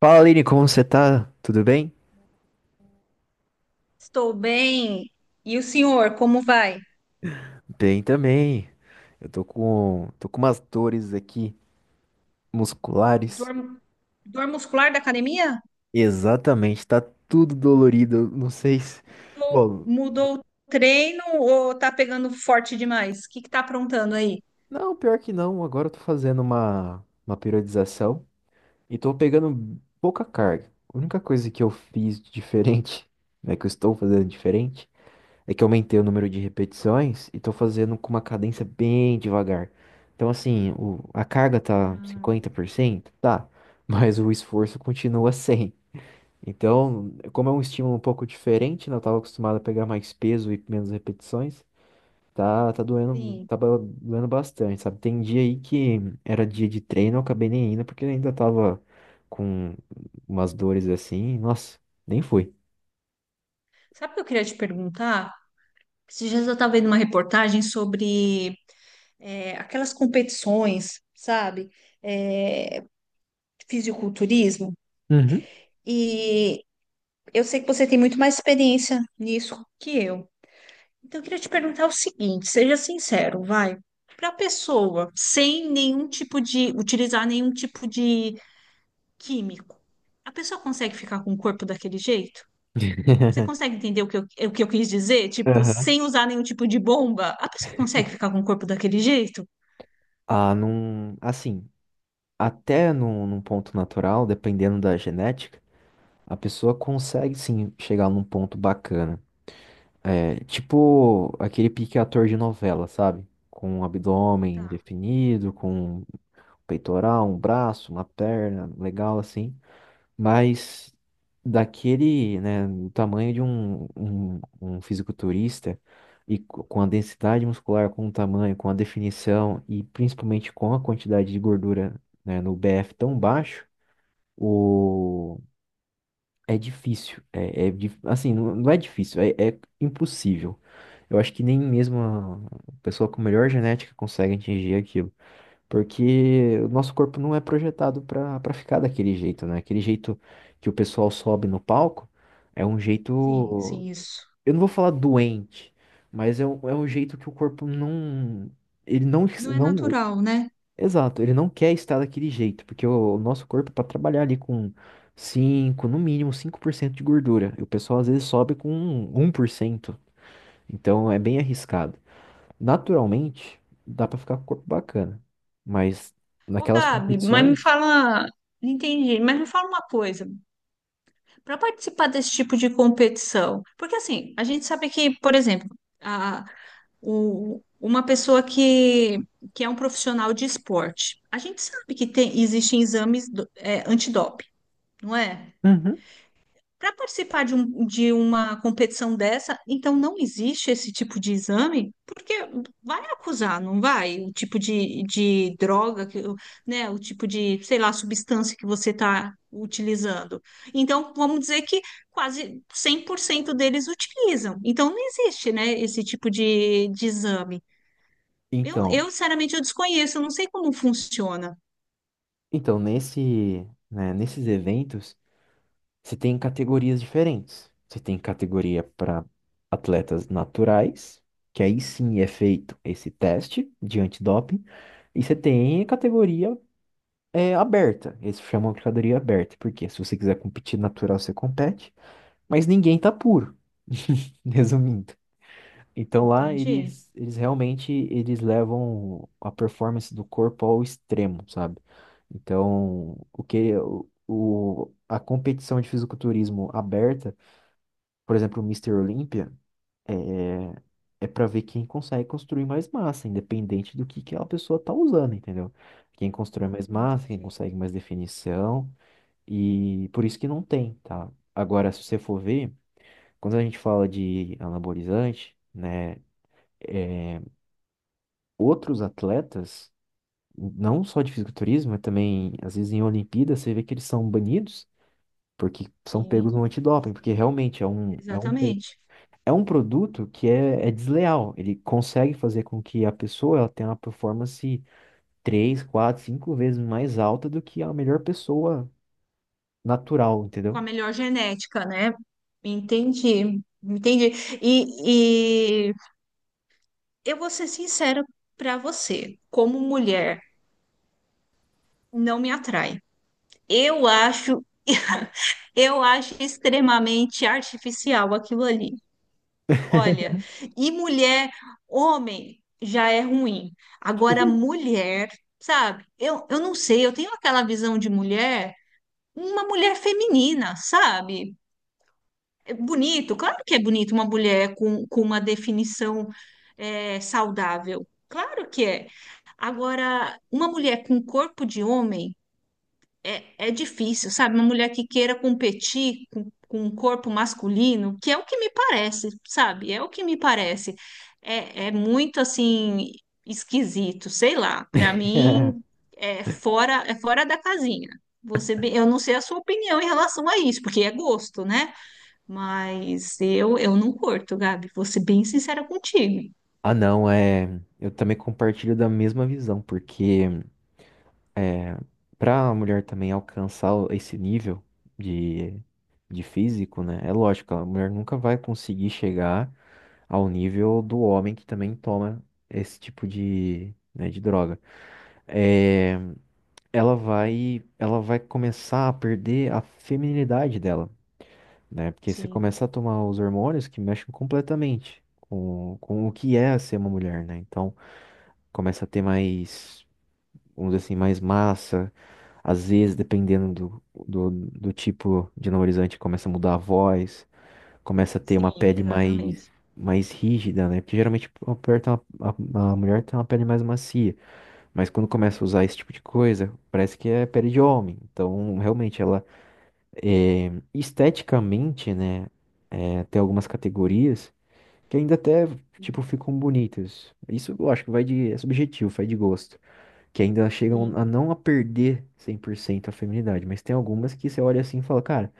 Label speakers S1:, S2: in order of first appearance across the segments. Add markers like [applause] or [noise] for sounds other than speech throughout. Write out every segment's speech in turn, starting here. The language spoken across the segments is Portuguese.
S1: Fala, Aline, como você tá? Tudo bem?
S2: Estou bem. E o senhor, como vai?
S1: Bem também. Eu tô com umas dores aqui
S2: Dor,
S1: musculares.
S2: dor muscular da academia?
S1: Exatamente, tá tudo dolorido. Eu não sei se.
S2: Mudou
S1: Bom,
S2: mudou o treino ou tá pegando forte demais? O que que tá aprontando aí?
S1: não, pior que não. Agora eu tô fazendo uma periodização e tô pegando pouca carga. A única coisa que eu fiz de diferente, né, que eu estou fazendo diferente, é que eu aumentei o número de repetições e tô fazendo com uma cadência bem devagar. Então, assim, a carga tá
S2: Ah,
S1: 50%, tá, [laughs] mas o esforço continua [laughs] 100. Então, como é um estímulo um pouco diferente, né? Eu tava acostumado a pegar mais peso e menos repetições. Tá, tá doendo,
S2: sim.
S1: tá doendo bastante, sabe? Tem dia aí que era dia de treino, eu acabei nem indo porque ainda tava com umas dores assim. Nossa, nem fui.
S2: Sabe o que eu queria te perguntar? Esses dias eu estava vendo uma reportagem sobre aquelas competições, sabe? É, fisiculturismo.
S1: Uhum.
S2: E eu sei que você tem muito mais experiência nisso que eu. Então, eu queria te perguntar o seguinte, seja sincero, vai. Para a pessoa, sem nenhum tipo de, utilizar nenhum tipo de químico, a pessoa consegue ficar com o corpo daquele jeito? Você
S1: [laughs]
S2: consegue entender o que eu quis dizer? Tipo,
S1: Aham.
S2: sem usar nenhum tipo de bomba, a pessoa consegue ficar com o corpo daquele jeito?
S1: Ah, não. Assim. Até num ponto natural, dependendo da genética, a pessoa consegue sim chegar num ponto bacana. É, tipo aquele pique ator de novela, sabe? Com um abdômen
S2: Tá,
S1: definido, com um peitoral, um braço, uma perna, legal assim. Mas daquele, né, do tamanho de um fisiculturista e com a densidade muscular, com o tamanho, com a definição e principalmente com a quantidade de gordura, né, no BF tão baixo, o... É difícil. Assim, não é difícil, é impossível. Eu acho que nem mesmo a pessoa com melhor genética consegue atingir aquilo. Porque o nosso corpo não é projetado para ficar daquele jeito, né? Aquele jeito que o pessoal sobe no palco é um jeito.
S2: sim, sim, isso.
S1: Eu não vou falar doente, mas é um jeito que o corpo não. Ele não,
S2: Não é
S1: não.
S2: natural, né?
S1: Exato, ele não quer estar daquele jeito, porque o nosso corpo é para trabalhar ali com 5, no mínimo 5% de gordura. E o pessoal às vezes sobe com 1%, então é bem arriscado. Naturalmente, dá para ficar com o corpo bacana, mas
S2: Ô,
S1: naquelas
S2: Gabi, mas me
S1: competições.
S2: fala, entendi, mas me fala uma coisa, para participar desse tipo de competição, porque assim, a gente sabe que, por exemplo, a, o, uma pessoa que é um profissional de esporte, a gente sabe que tem, existem exames do, é, antidoping, não é?
S1: Uhum.
S2: Para participar de, um, de uma competição dessa, então não existe esse tipo de exame, porque vai acusar, não vai? O tipo de droga, que, né? O tipo de, sei lá, substância que você está utilizando. Então, vamos dizer que quase 100% deles utilizam. Então, não existe, né, esse tipo de exame.
S1: então,
S2: Sinceramente, eu desconheço, eu não sei como funciona.
S1: então nesse, né, nesses eventos. Você tem categorias diferentes. Você tem categoria para atletas naturais, que aí sim é feito esse teste de antidoping. E você tem categoria aberta. Eles chamam de categoria aberta, porque se você quiser competir natural, você compete, mas ninguém tá puro. [laughs] Resumindo. Então lá
S2: Entendi,
S1: eles realmente eles levam a performance do corpo ao extremo, sabe? Então, o que a competição de fisiculturismo aberta, por exemplo, o Mister Olímpia é, é para ver quem consegue construir mais massa, independente do que a pessoa tá usando, entendeu? Quem constrói mais massa, quem
S2: entendi.
S1: consegue mais definição, e por isso que não tem, tá? Agora, se você for ver, quando a gente fala de anabolizante, né? Outros atletas, não só de fisiculturismo, mas também, às vezes, em Olimpíadas, você vê que eles são banidos porque são pegos
S2: Sim,
S1: no antidoping, porque
S2: sim,
S1: realmente é um, é um,
S2: exatamente.
S1: é um produto que é desleal. Ele consegue fazer com que a pessoa ela tenha uma performance três quatro cinco vezes mais alta do que a melhor pessoa natural,
S2: Com a
S1: entendeu?
S2: melhor genética, né? Entendi, entendi. E, e eu vou ser sincera para você, como mulher, não me atrai. Eu acho, [laughs] eu acho extremamente artificial aquilo ali. Olha, e mulher, homem já é ruim. Agora, mulher, sabe? Eu não sei, eu tenho aquela visão de mulher, uma mulher feminina, sabe? É bonito, claro que é bonito uma mulher com uma definição saudável, claro que é. Agora, uma mulher com corpo de homem é difícil, sabe? Uma mulher que queira competir com um corpo masculino, que é o que me parece, sabe? É o que me parece. É, é muito assim esquisito, sei lá. Para mim
S1: [laughs]
S2: é fora da casinha. Você, eu não sei a sua opinião em relação a isso, porque é gosto, né? Mas eu não curto, Gabi. Vou ser bem sincera contigo.
S1: Ah, não, é. Eu também compartilho da mesma visão, porque. Para a mulher também alcançar esse nível de, de físico, né? É lógico, a mulher nunca vai conseguir chegar ao nível do homem que também toma esse tipo de, né, de droga. É, ela vai começar a perder a feminilidade dela, né? Porque você
S2: Sim,
S1: começa a tomar os hormônios que mexem completamente com o que é ser uma mulher, né? Então, começa a ter mais, vamos dizer assim, mais massa. Às vezes, dependendo do tipo de anabolizante, começa a mudar a voz, começa a ter uma
S2: sim,
S1: pele mais,
S2: exatamente.
S1: mais rígida, né? Porque geralmente a mulher tem uma pele mais macia, mas quando começa a usar esse tipo de coisa, parece que é pele de homem. Então, realmente, ela é, esteticamente, né? É, tem algumas categorias que ainda até, tipo,
S2: Sim,
S1: ficam bonitas. Isso eu acho que vai de, é subjetivo, vai de gosto, que ainda chegam a
S2: sim.
S1: não a perder 100% a feminidade, mas tem algumas que você olha assim e fala, cara,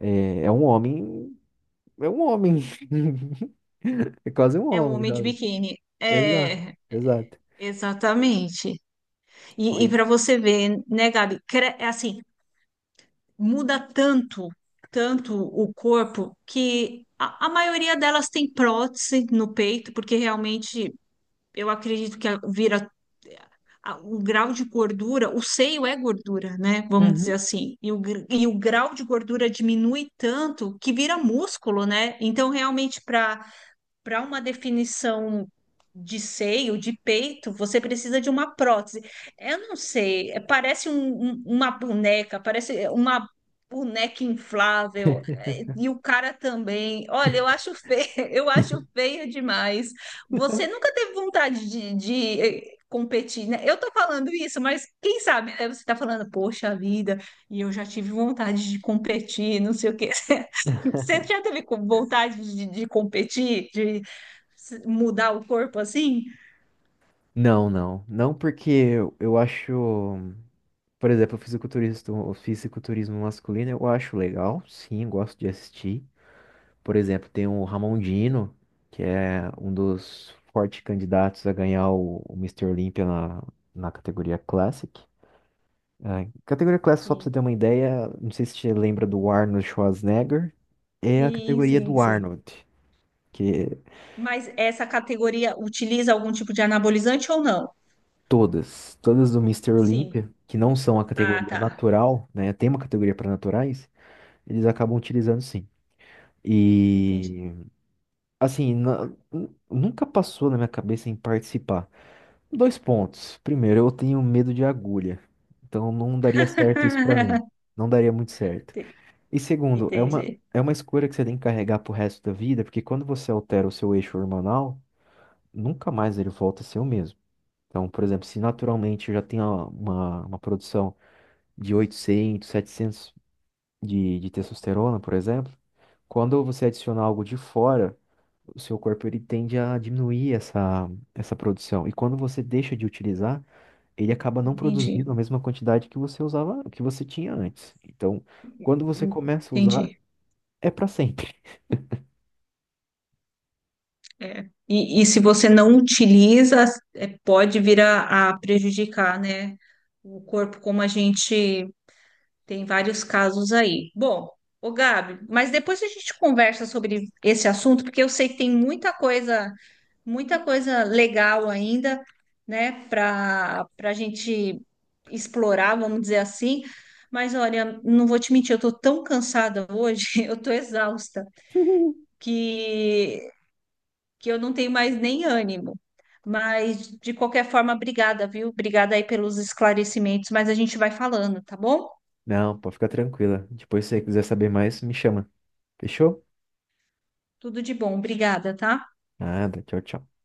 S1: é um homem, é um homem, [laughs] é quase um
S2: É um
S1: homem,
S2: homem de
S1: sabe?
S2: biquíni.
S1: Exato,
S2: É,
S1: exato.
S2: exatamente.
S1: Foi.
S2: Para você ver, né, Gabi? É assim, muda tanto, tanto o corpo que a maioria delas tem prótese no peito, porque realmente eu acredito que vira o grau de gordura, o seio é gordura, né? Vamos dizer
S1: Uhum.
S2: assim. E o, e o grau de gordura diminui tanto que vira músculo, né? Então, realmente, para uma definição de seio, de peito, você precisa de uma prótese. Eu não sei, parece uma boneca, parece é, uma boneca inflável, é,
S1: [laughs]
S2: e o cara também. Olha, eu acho feio, [laughs] eu acho feio demais. Você nunca teve vontade de, competir, né? Eu tô falando isso, mas quem sabe, né? Você tá falando, poxa vida, e eu já tive vontade de competir, não sei o quê. [laughs] Você já teve vontade de competir, de mudar o corpo assim?
S1: Não, não. Não porque eu acho, por exemplo, o fisiculturista, o fisiculturismo masculino, eu acho legal, sim, gosto de assistir. Por exemplo, tem o Ramondino, que é um dos fortes candidatos a ganhar o Mr. Olympia na categoria Classic. É, categoria Classic, só pra você
S2: Sim.
S1: ter uma ideia, não sei se você lembra do Arnold Schwarzenegger, é a
S2: Sim,
S1: categoria
S2: sim,
S1: do
S2: sim.
S1: Arnold, que
S2: Mas essa categoria utiliza algum tipo de anabolizante ou não?
S1: todas do Mister
S2: Sim.
S1: Olympia, que não são a
S2: Ah,
S1: categoria
S2: tá.
S1: natural, né? Tem uma categoria para naturais, eles acabam utilizando sim.
S2: Entendi.
S1: E assim, nunca passou na minha cabeça em participar. Dois pontos. Primeiro, eu tenho medo de agulha. Então não daria certo isso pra mim.
S2: [laughs]
S1: Não daria muito certo.
S2: Ente-
S1: E segundo, é uma,
S2: Entendi.
S1: é uma escolha que você tem que carregar pro resto da vida, porque quando você altera o seu eixo hormonal, nunca mais ele volta a ser o mesmo. Então, por exemplo, se naturalmente eu já tenho uma produção de 800, 700 de testosterona, por exemplo, quando você adicionar algo de fora, o seu corpo ele tende a diminuir essa produção. E quando você deixa de utilizar, ele acaba não
S2: Entendi.
S1: produzindo a mesma quantidade que você usava, que você tinha antes. Então, quando você começa a usar,
S2: Entendi.
S1: é para sempre.
S2: É. Se você não utiliza, é, pode vir a prejudicar, né? O corpo, como a gente tem vários casos aí. Bom, ô Gabi, mas depois a gente conversa sobre esse assunto, porque eu sei que tem muita coisa legal ainda, né, para a gente explorar, vamos dizer assim. Mas olha, não vou te mentir, eu tô tão cansada hoje, [laughs] eu tô exausta,
S1: [laughs]
S2: que que eu não tenho mais nem ânimo. Mas de qualquer forma, obrigada, viu? Obrigada aí pelos esclarecimentos, mas a gente vai falando, tá bom?
S1: Não, pode ficar tranquila. Depois, se você quiser saber mais, me chama. Fechou?
S2: Tudo de bom, obrigada, tá?
S1: Nada. Tchau, tchau.